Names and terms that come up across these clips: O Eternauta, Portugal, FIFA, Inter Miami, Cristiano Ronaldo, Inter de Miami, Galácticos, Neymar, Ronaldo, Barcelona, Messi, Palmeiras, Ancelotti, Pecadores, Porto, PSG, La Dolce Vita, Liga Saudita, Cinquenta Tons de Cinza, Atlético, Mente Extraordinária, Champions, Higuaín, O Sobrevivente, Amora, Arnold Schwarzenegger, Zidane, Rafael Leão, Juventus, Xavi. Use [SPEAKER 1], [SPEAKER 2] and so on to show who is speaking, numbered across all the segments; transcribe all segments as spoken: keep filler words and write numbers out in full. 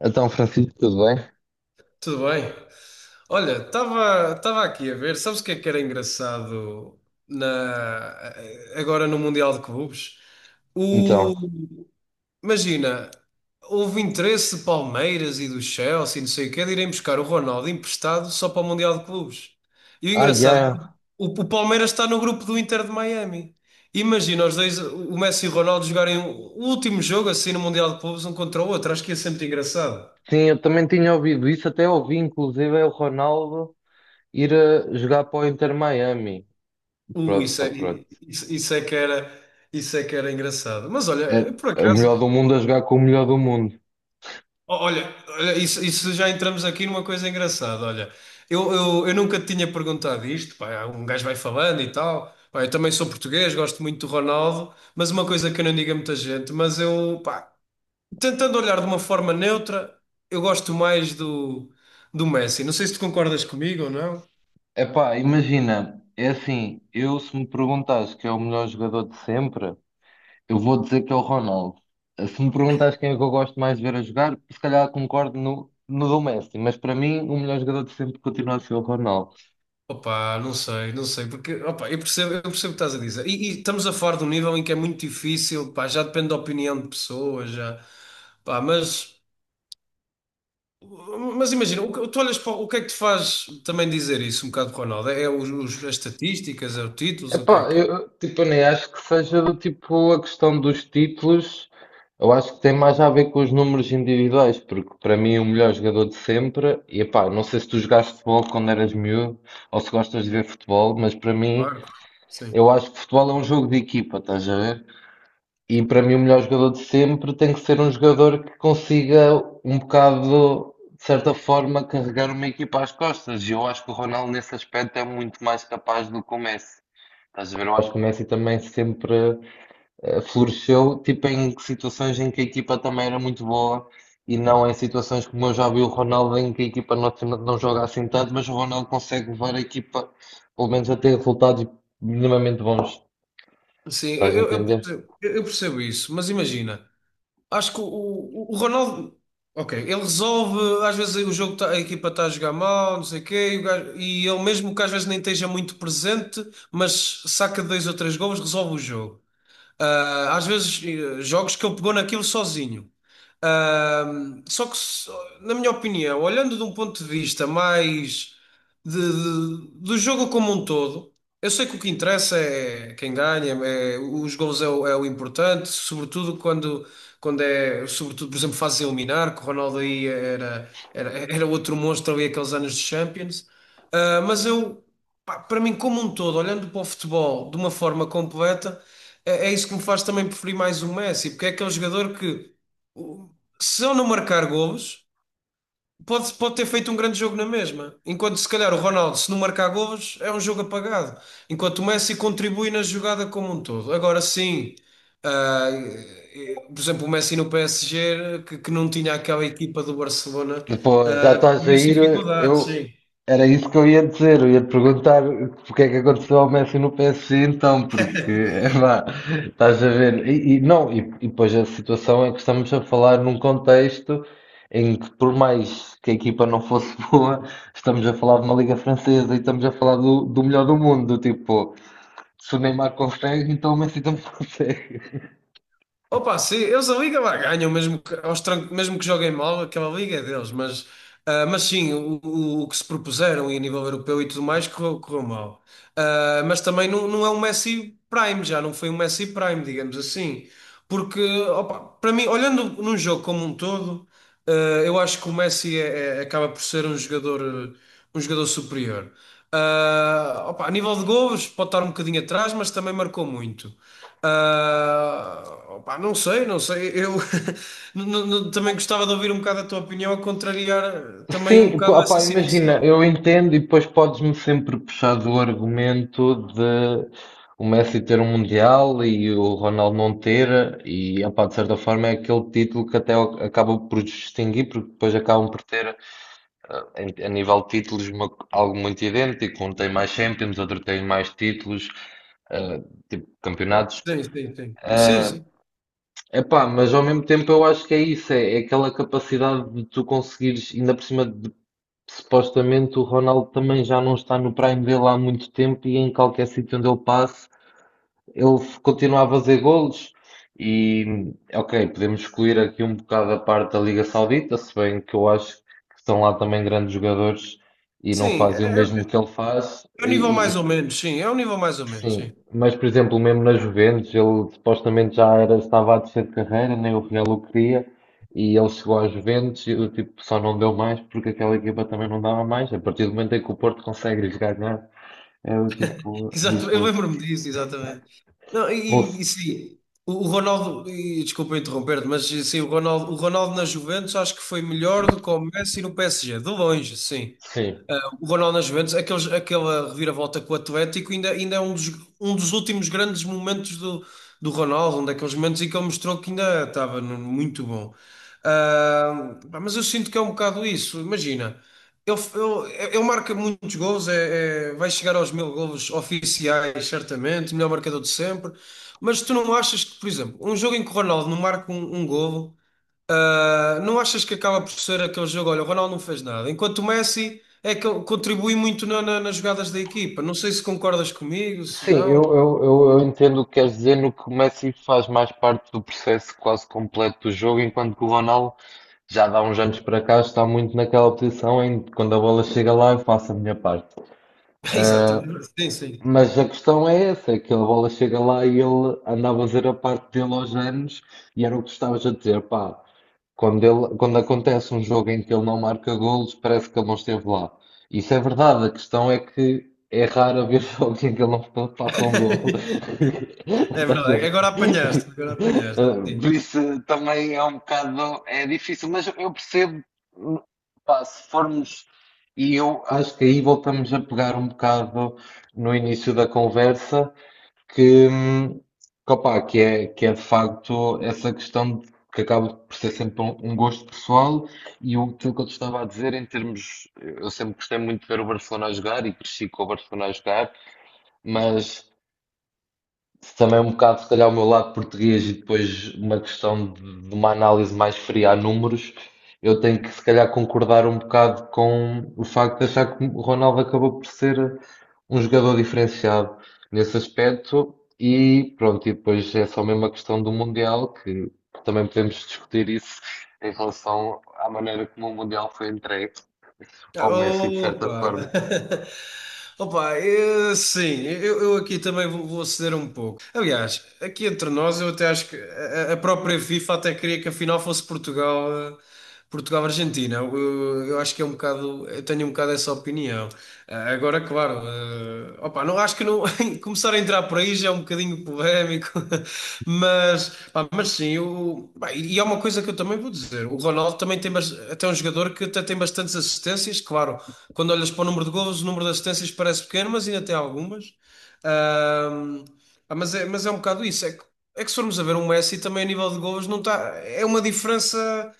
[SPEAKER 1] Então, Francisco, tudo bem?
[SPEAKER 2] Tudo bem? Olha, estava estava aqui a ver, sabes o que é que era engraçado na, agora no Mundial de Clubes?
[SPEAKER 1] Então,
[SPEAKER 2] O, Imagina, houve interesse de Palmeiras e do Chelsea, não sei o quê, de irem buscar o Ronaldo emprestado só para o Mundial de Clubes. E o
[SPEAKER 1] ah,
[SPEAKER 2] engraçado é que
[SPEAKER 1] yeah.
[SPEAKER 2] o, o Palmeiras está no grupo do Inter de Miami. Imagina os dois, o Messi e o Ronaldo, jogarem o último jogo assim no Mundial de Clubes, um contra o outro. Acho que ia ser muito engraçado.
[SPEAKER 1] Sim, eu também tinha ouvido isso, até ouvi inclusive é o Ronaldo ir a jogar para o Inter Miami.
[SPEAKER 2] Uh,
[SPEAKER 1] Pronto,
[SPEAKER 2] isso
[SPEAKER 1] pá,
[SPEAKER 2] é,
[SPEAKER 1] pronto.
[SPEAKER 2] isso, isso é que era, isso é que era engraçado. Mas
[SPEAKER 1] Era
[SPEAKER 2] olha, por
[SPEAKER 1] o
[SPEAKER 2] acaso,
[SPEAKER 1] melhor do mundo a jogar com o melhor do mundo.
[SPEAKER 2] ó, olha, olha, isso, isso já entramos aqui numa coisa engraçada. Olha, eu, eu, eu nunca te tinha perguntado isto, pá, um gajo vai falando e tal. Pá, eu também sou português, gosto muito do Ronaldo, mas uma coisa que eu não digo a muita gente, mas eu, pá, tentando olhar de uma forma neutra, eu gosto mais do, do Messi. Não sei se tu concordas comigo ou não.
[SPEAKER 1] Epá, imagina, é assim, eu se me perguntares que é o melhor jogador de sempre, eu vou dizer que é o Ronaldo. Se me perguntares quem é que eu gosto mais de ver a jogar, se calhar concordo no, no do Messi, mas para mim o melhor jogador de sempre continua a ser o Ronaldo.
[SPEAKER 2] Opa, não sei, não sei, porque opa, eu percebo, eu percebo o que estás a dizer. E, e estamos a falar de um nível em que é muito difícil, pá, já depende da opinião de pessoas, já, pá, mas, mas imagina, o, que- tu olhas para o que é que te faz também dizer isso, um bocado, Ronaldo? É é os, os- as estatísticas, é os títulos, o que é
[SPEAKER 1] Epá,
[SPEAKER 2] que é?
[SPEAKER 1] eu, tipo, eu nem acho que seja do tipo a questão dos títulos. Eu acho que tem mais a ver com os números individuais, porque para mim é o melhor jogador de sempre, e epá, não sei se tu jogaste futebol quando eras miúdo ou se gostas de ver futebol, mas para mim
[SPEAKER 2] Claro, sim,
[SPEAKER 1] eu acho que futebol é um jogo de equipa, estás a ver? E para mim o melhor jogador de sempre tem que ser um jogador que consiga um bocado, de certa forma, carregar uma equipa às costas. E eu acho que o Ronaldo nesse aspecto é muito mais capaz do que o Messi. Estás a ver, eu acho que o Messi também sempre eh, floresceu, tipo em situações em que a equipa também era muito boa e não em situações como eu já vi o Ronaldo em que a equipa não, não joga assim tanto, mas o Ronaldo consegue levar a equipa pelo menos a ter resultados minimamente bons.
[SPEAKER 2] sim,
[SPEAKER 1] Estás a
[SPEAKER 2] eu, eu eu
[SPEAKER 1] entender?
[SPEAKER 2] percebo eu percebo isso, mas imagina. Acho que o, o, o Ronaldo, ok, ele resolve, às vezes o jogo tá- a equipa está a jogar mal, não sei o quê, e, o gajo- e ele mesmo que às vezes nem esteja muito presente, mas saca dois ou três golos, resolve o jogo. Ah, às vezes, eh, jogos que ele pegou naquilo sozinho. Ah, só que, só- Na minha opinião, olhando de um ponto de vista mais de- de- do jogo como um todo, eu sei que o que interessa é quem ganha, é- os gols é o, é o importante, sobretudo quando, quando é, sobretudo, por exemplo, fase de eliminar, que o Ronaldo aí era, era, era outro monstro ali aqueles anos de Champions. Ah, mas eu, pá, para mim, como um todo, olhando para o futebol de uma forma completa. É, é isso que me faz também preferir mais o Messi, porque é aquele jogador que, o- se ele não marcar golos, pode, pode ter feito um grande jogo na mesma. Enquanto se calhar o Ronaldo, se não marcar golos, é um jogo apagado. Enquanto o Messi contribui na jogada como um todo. Agora sim, ah, eh, por exemplo, o Messi no P S G, que, que não tinha aquela equipa do Barcelona,
[SPEAKER 1] Depois, já
[SPEAKER 2] ah,
[SPEAKER 1] está a
[SPEAKER 2] viu-se
[SPEAKER 1] sair,
[SPEAKER 2] dificuldades,
[SPEAKER 1] eu
[SPEAKER 2] sim.
[SPEAKER 1] era isso que eu ia dizer, eu ia te perguntar o que é que aconteceu ao Messi no P S G então, porque é vá, estás a ver, e, e não, e, e depois a situação é que estamos a falar num contexto em que por mais que a equipa não fosse boa, estamos a falar de uma liga francesa e estamos a falar do, do melhor do mundo, tipo, se o Neymar consegue, então o Messi também consegue.
[SPEAKER 2] Opa, sim, eles a Liga lá ganham, mesmo que, aos trancos- mesmo que joguem mal, aquela Liga é deles, mas, ah, mas sim, o, o- o que se propuseram e a nível europeu e tudo mais correu, correu mal. Ah, mas também não, não é um Messi Prime, já não foi um Messi Prime, digamos assim. Porque, opa, para mim, olhando num jogo como um todo, ah, eu acho que o Messi é- é- acaba por ser um jogador um jogador superior. Ah, opa, a nível de golos, pode estar um bocadinho atrás, mas também marcou muito. Ah, Opa, não sei, não sei. Eu n- n- também gostava de ouvir um bocado a tua opinião, a contrariar também um
[SPEAKER 1] Sim,
[SPEAKER 2] bocado
[SPEAKER 1] pá,
[SPEAKER 2] essa
[SPEAKER 1] pá, imagina,
[SPEAKER 2] situação.
[SPEAKER 1] eu entendo e depois podes-me sempre puxar do argumento de o Messi ter um Mundial e o Ronaldo não ter, e epá, de certa forma é aquele título que até acaba por distinguir, porque depois acabam por ter, ah, em- a nível de títulos, uma- algo muito idêntico. Um tem mais Champions, outro tem mais títulos, ah, tipo campeonatos.
[SPEAKER 2] Sim, sim, sim. Sim,
[SPEAKER 1] Ah,
[SPEAKER 2] sim.
[SPEAKER 1] epá, mas ao mesmo tempo eu acho que é isso, é, é aquela capacidade de tu conseguires, ainda por cima. Supostamente o Ronaldo também já não está no prime dele há muito tempo e em qualquer sítio onde ele passe, ele continua a fazer golos. E, ok, podemos excluir aqui um bocado a parte da Liga Saudita, se bem que eu acho que estão lá também grandes jogadores e não
[SPEAKER 2] Sim, é,
[SPEAKER 1] fazem o mesmo
[SPEAKER 2] é
[SPEAKER 1] que ele faz.
[SPEAKER 2] um nível
[SPEAKER 1] E,
[SPEAKER 2] mais ou menos, sim, é um nível mais ou menos,
[SPEAKER 1] sim,
[SPEAKER 2] sim.
[SPEAKER 1] mas por exemplo, mesmo na Juventus, ele supostamente já era, estava a descer de carreira, nem o Real o queria, e ele chegou à Juventus e tipo, só não deu mais porque aquela equipa também não dava mais. A partir do momento em que o Porto consegue lhes ganhar, é o tipo, diz
[SPEAKER 2] Exato, eu
[SPEAKER 1] muito.
[SPEAKER 2] lembro-me disso, exatamente. Não,
[SPEAKER 1] Ou se-
[SPEAKER 2] e, e sim, o, o Ronaldo, e, desculpa interromper-te, mas sim, o Ronaldo, o Ronaldo na Juventus acho que foi melhor do que o Messi no P S G, de longe, sim.
[SPEAKER 1] sim,
[SPEAKER 2] Ah, o Ronaldo na Juventus, aqueles, aquela reviravolta com o Atlético, ainda, ainda é um dos, um dos últimos grandes momentos do, do Ronaldo, um daqueles momentos em que ele mostrou que ainda estava no- muito bom. Ah, pá, mas eu sinto que é um bocado isso, imagina. Ele, ele, ele marca muitos gols, é, é- vai chegar aos mil gols oficiais, certamente, melhor marcador de sempre. Mas tu não achas que, por exemplo, um jogo em que o Ronaldo não marca um, um golo, ah, não achas que acaba por ser aquele jogo? Olha, o Ronaldo não fez nada, enquanto o Messi é que ele contribui muito na- na- nas jogadas da equipa. Não sei se concordas comigo, se
[SPEAKER 1] sim, eu,
[SPEAKER 2] não.
[SPEAKER 1] eu, eu, eu entendo o que queres dizer no que o Messi faz mais parte do processo quase completo do jogo, enquanto que o Ronaldo já dá uns anos para cá está muito naquela posição em que quando a bola chega lá eu faço a minha parte. Ah,
[SPEAKER 2] Exatamente, sim, sim.
[SPEAKER 1] mas a questão é essa, é que a bola chega lá e ele andava a fazer a parte dele aos anos e era o que tu estavas a dizer, pá, quando, ele, quando acontece um jogo em que ele não marca golos, parece que ele não esteve lá. Isso é verdade, a questão é que é raro haver jogos em que ele não fa- faça um gol.
[SPEAKER 2] É
[SPEAKER 1] Estás a
[SPEAKER 2] verdade,
[SPEAKER 1] ver?
[SPEAKER 2] agora apanhaste, agora apanhaste.
[SPEAKER 1] Ah, por isso também é um bocado, é difícil, mas eu percebo, hum, pá, se formos, e eu acho que aí voltamos a pegar um bocado no início da conversa, que, hum, que, opá, que é, que é de facto essa questão de- que acaba por ser sempre um, um gosto pessoal e o aquilo que eu te estava a dizer em termos, eu sempre gostei muito de ver o Barcelona a jogar e cresci com o Barcelona a jogar, mas também é um bocado, se calhar, o meu lado português e depois uma questão de, de uma análise mais fria a números, eu tenho que, se calhar, concordar um bocado com o facto de achar que o Ronaldo acabou por ser um jogador diferenciado nesse aspecto. E pronto, e depois é só mesmo a questão do Mundial, que que também podemos discutir isso em relação à maneira como o Mundial foi entregue ao Messi, de certa
[SPEAKER 2] Opa!
[SPEAKER 1] forma.
[SPEAKER 2] Opa, eu, sim, eu, eu aqui também vou, vou ceder um pouco. Aliás, aqui entre nós, eu até acho que a, a própria FIFA até queria que a final fosse Portugal, eh, Portugal-Argentina. Eu, eu acho que é um bocado, eu tenho um bocado essa opinião. Ah, agora, claro, eh, opa, não acho que não começar a entrar por aí já é um bocadinho polémico, mas, pá, mas sim, eu, pá, e e é uma coisa que eu também vou dizer. O Ronaldo também tem bas- até um jogador que até tem bastantes assistências, claro. Quando olhas para o número de golos, o número de assistências parece pequeno, mas ainda tem algumas. Ahm, Pá, mas é, mas é um bocado isso. É que, é que se formos a ver um Messi também a nível de golos não está, é uma diferença.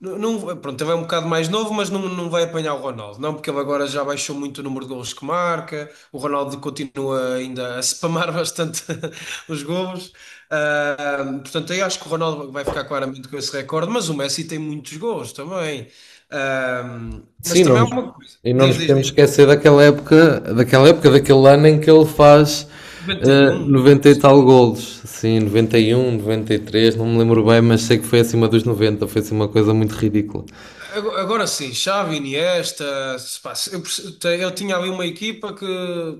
[SPEAKER 2] Não, não- pronto, ele é um bocado mais novo, mas não, não vai apanhar o Ronaldo. Não, porque ele agora já baixou muito o número de golos que marca. O Ronaldo continua ainda a spamar bastante os golos. Ah, portanto, eu acho que o Ronaldo vai ficar claramente com esse recorde, mas o Messi tem muitos golos também. Ah, mas
[SPEAKER 1] Sim, não
[SPEAKER 2] também há
[SPEAKER 1] nos,
[SPEAKER 2] uma coisa.
[SPEAKER 1] e não
[SPEAKER 2] Diz,
[SPEAKER 1] nos
[SPEAKER 2] diz,
[SPEAKER 1] podemos
[SPEAKER 2] diz.
[SPEAKER 1] esquecer daquela época, daquela época, daquele ano em que ele faz eh,
[SPEAKER 2] noventa e um.
[SPEAKER 1] noventa e tal golos. Sim, noventa e um, noventa e três não me lembro bem, mas sei que foi acima dos noventa, foi assim uma coisa muito ridícula.
[SPEAKER 2] Ago- Agora sim, Xavi, Iniesta, se pá, se- eu, perce- te- eu tinha ali uma equipa que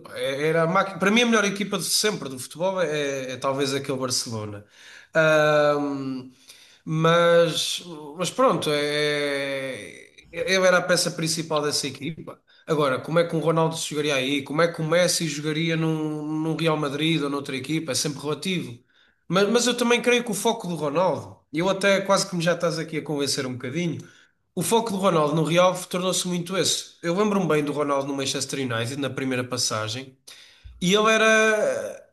[SPEAKER 2] pá, é- era a máquina, para mim a melhor equipa de sempre do futebol é, é talvez aquele Barcelona. Ahm, mas, mas pronto, é, é, eu era a peça principal dessa equipa. Agora, como é que um Ronaldo jogaria aí? Como é que o Messi jogaria num, num Real Madrid ou noutra equipa? É sempre relativo. Mas, mas eu também creio que o foco do Ronaldo, e eu até quase que me já estás aqui a convencer um bocadinho. O foco do Ronaldo no Real tornou-se muito esse. Eu lembro-me bem do Ronaldo no Manchester United, na primeira passagem, e ele era,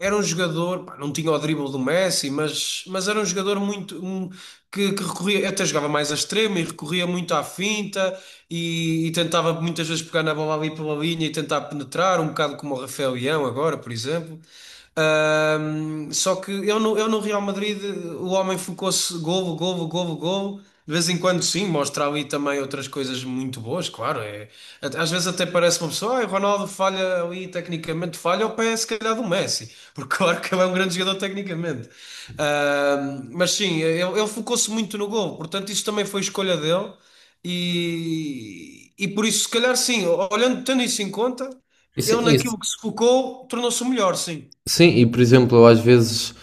[SPEAKER 2] era um jogador, pá, não tinha o drible do Messi, mas, mas era um jogador muito um, que, que recorria, até jogava mais a extremo e recorria muito à finta e, e tentava muitas vezes pegar na bola ali pela linha e tentar penetrar, um bocado como o Rafael Leão agora, por exemplo. Ahm, só que eu no, eu no Real Madrid o homem focou-se golo, golo, golo, golo. De vez em quando, sim, mostra ali também outras coisas muito boas, claro. É, at- às vezes até parece uma pessoa, ah, o Ronaldo falha ali, tecnicamente falha, ao pé, se calhar, do Messi, porque claro que ele é um grande jogador tecnicamente. Ahm, mas sim, ele, ele focou-se muito no golo, portanto, isso também foi escolha dele. E, e por isso, se calhar, sim, olhando, tendo isso em conta,
[SPEAKER 1] Isso,
[SPEAKER 2] ele
[SPEAKER 1] isso,
[SPEAKER 2] naquilo que se focou tornou-se o melhor, sim.
[SPEAKER 1] sim, e por exemplo, às vezes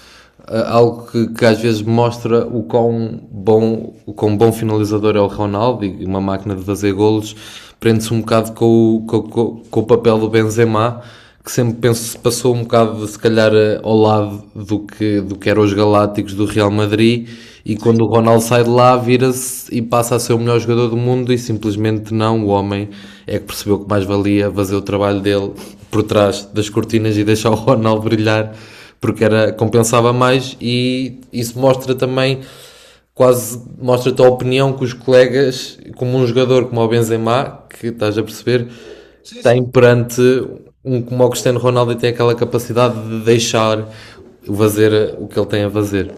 [SPEAKER 1] ah, algo que, que às vezes mostra o quão bom, o quão bom finalizador é o Ronaldo e uma máquina de fazer golos prende-se um bocado com o, com, o- com, com o papel do Benzema, que sempre penso se passou um bocado se calhar eh, ao lado do que, do que eram os Galácticos do Real Madrid e quando
[SPEAKER 2] Sim,
[SPEAKER 1] o Ronaldo sai de lá vira-se e passa a ser o melhor jogador do mundo e simplesmente não, o homem é que percebeu que mais valia fazer o trabalho dele por trás das cortinas e deixar o Ronaldo brilhar porque era, compensava mais e isso mostra também quase mostra-te a opinião que os colegas, como um jogador como o Benzema, que estás a perceber,
[SPEAKER 2] sim,
[SPEAKER 1] tem
[SPEAKER 2] sim.
[SPEAKER 1] perante um como o Cristiano Ronaldo e tem aquela capacidade de deixar fazer o que ele tem a fazer.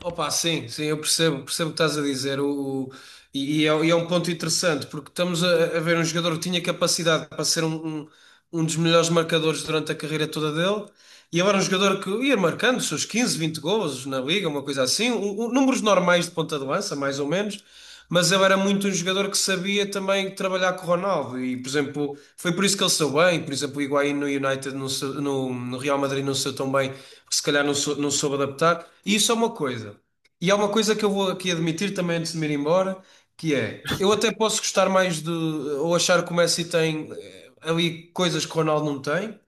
[SPEAKER 2] Opa, sim, sim, eu percebo, percebo o que estás a dizer. O, E, e é, e é um ponto interessante, porque estamos a, a ver um jogador que tinha capacidade para ser um, um, um dos melhores marcadores durante a carreira toda dele, e agora um jogador que ia marcando os seus quinze, vinte golos na liga, uma coisa assim, um- um- números normais de ponta de lança, mais ou menos, mas ele era muito um jogador que sabia também trabalhar com o Ronaldo, e por exemplo, foi por isso que ele saiu bem, por exemplo, o Higuaín no United, não saiu- no, no Real Madrid não saiu tão bem, porque se calhar não, sou- não soube adaptar, e isso é uma coisa. E há uma coisa que eu vou aqui admitir também antes de me ir embora, que é, eu até posso gostar mais de, ou achar que o Messi tem eh, ali coisas que o Ronaldo não tem,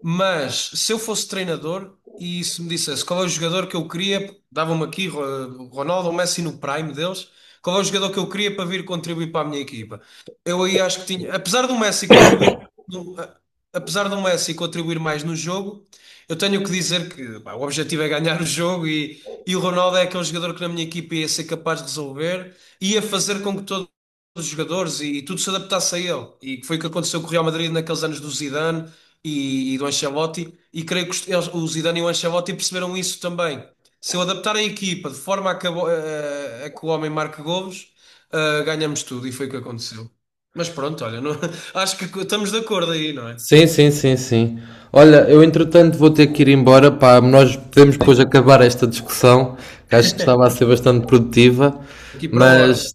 [SPEAKER 2] mas se eu fosse treinador e se me dissesse qual é o jogador que eu queria, dava-me aqui Ro- Ronaldo ou Messi no prime deles, qual é o jogador que eu queria para vir contribuir para a minha equipa? Eu aí acho que tinha, apesar do Messi contribuir, do- a- apesar do Messi contribuir mais no jogo, eu tenho que dizer que pá, o objetivo é ganhar o jogo e, e o Ronaldo é aquele jogador que na minha equipa ia ser capaz de resolver, ia fazer com que todos os jogadores e, e tudo se adaptasse a ele. E que foi o que aconteceu com o Real Madrid naqueles anos do Zidane e, e do Ancelotti, e creio que os, eles- o Zidane e o Ancelotti perceberam isso também. Se eu adaptar a equipa de forma a que, a bo- a- a que o homem marque golos, ah, ganhamos tudo, e foi o que aconteceu. Mas pronto, olha, não- acho que estamos de acordo aí, não é?
[SPEAKER 1] Sim, sim, sim, sim. Olha, eu entretanto vou ter que ir embora, pá, nós podemos depois acabar esta discussão, que acho que estava a ser bastante produtiva,
[SPEAKER 2] Aqui para horas.
[SPEAKER 1] mas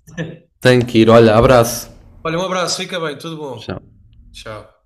[SPEAKER 1] tenho que ir. Olha, abraço.
[SPEAKER 2] Olha, um abraço, fica bem, tudo bom.
[SPEAKER 1] Tchau.
[SPEAKER 2] Tchau.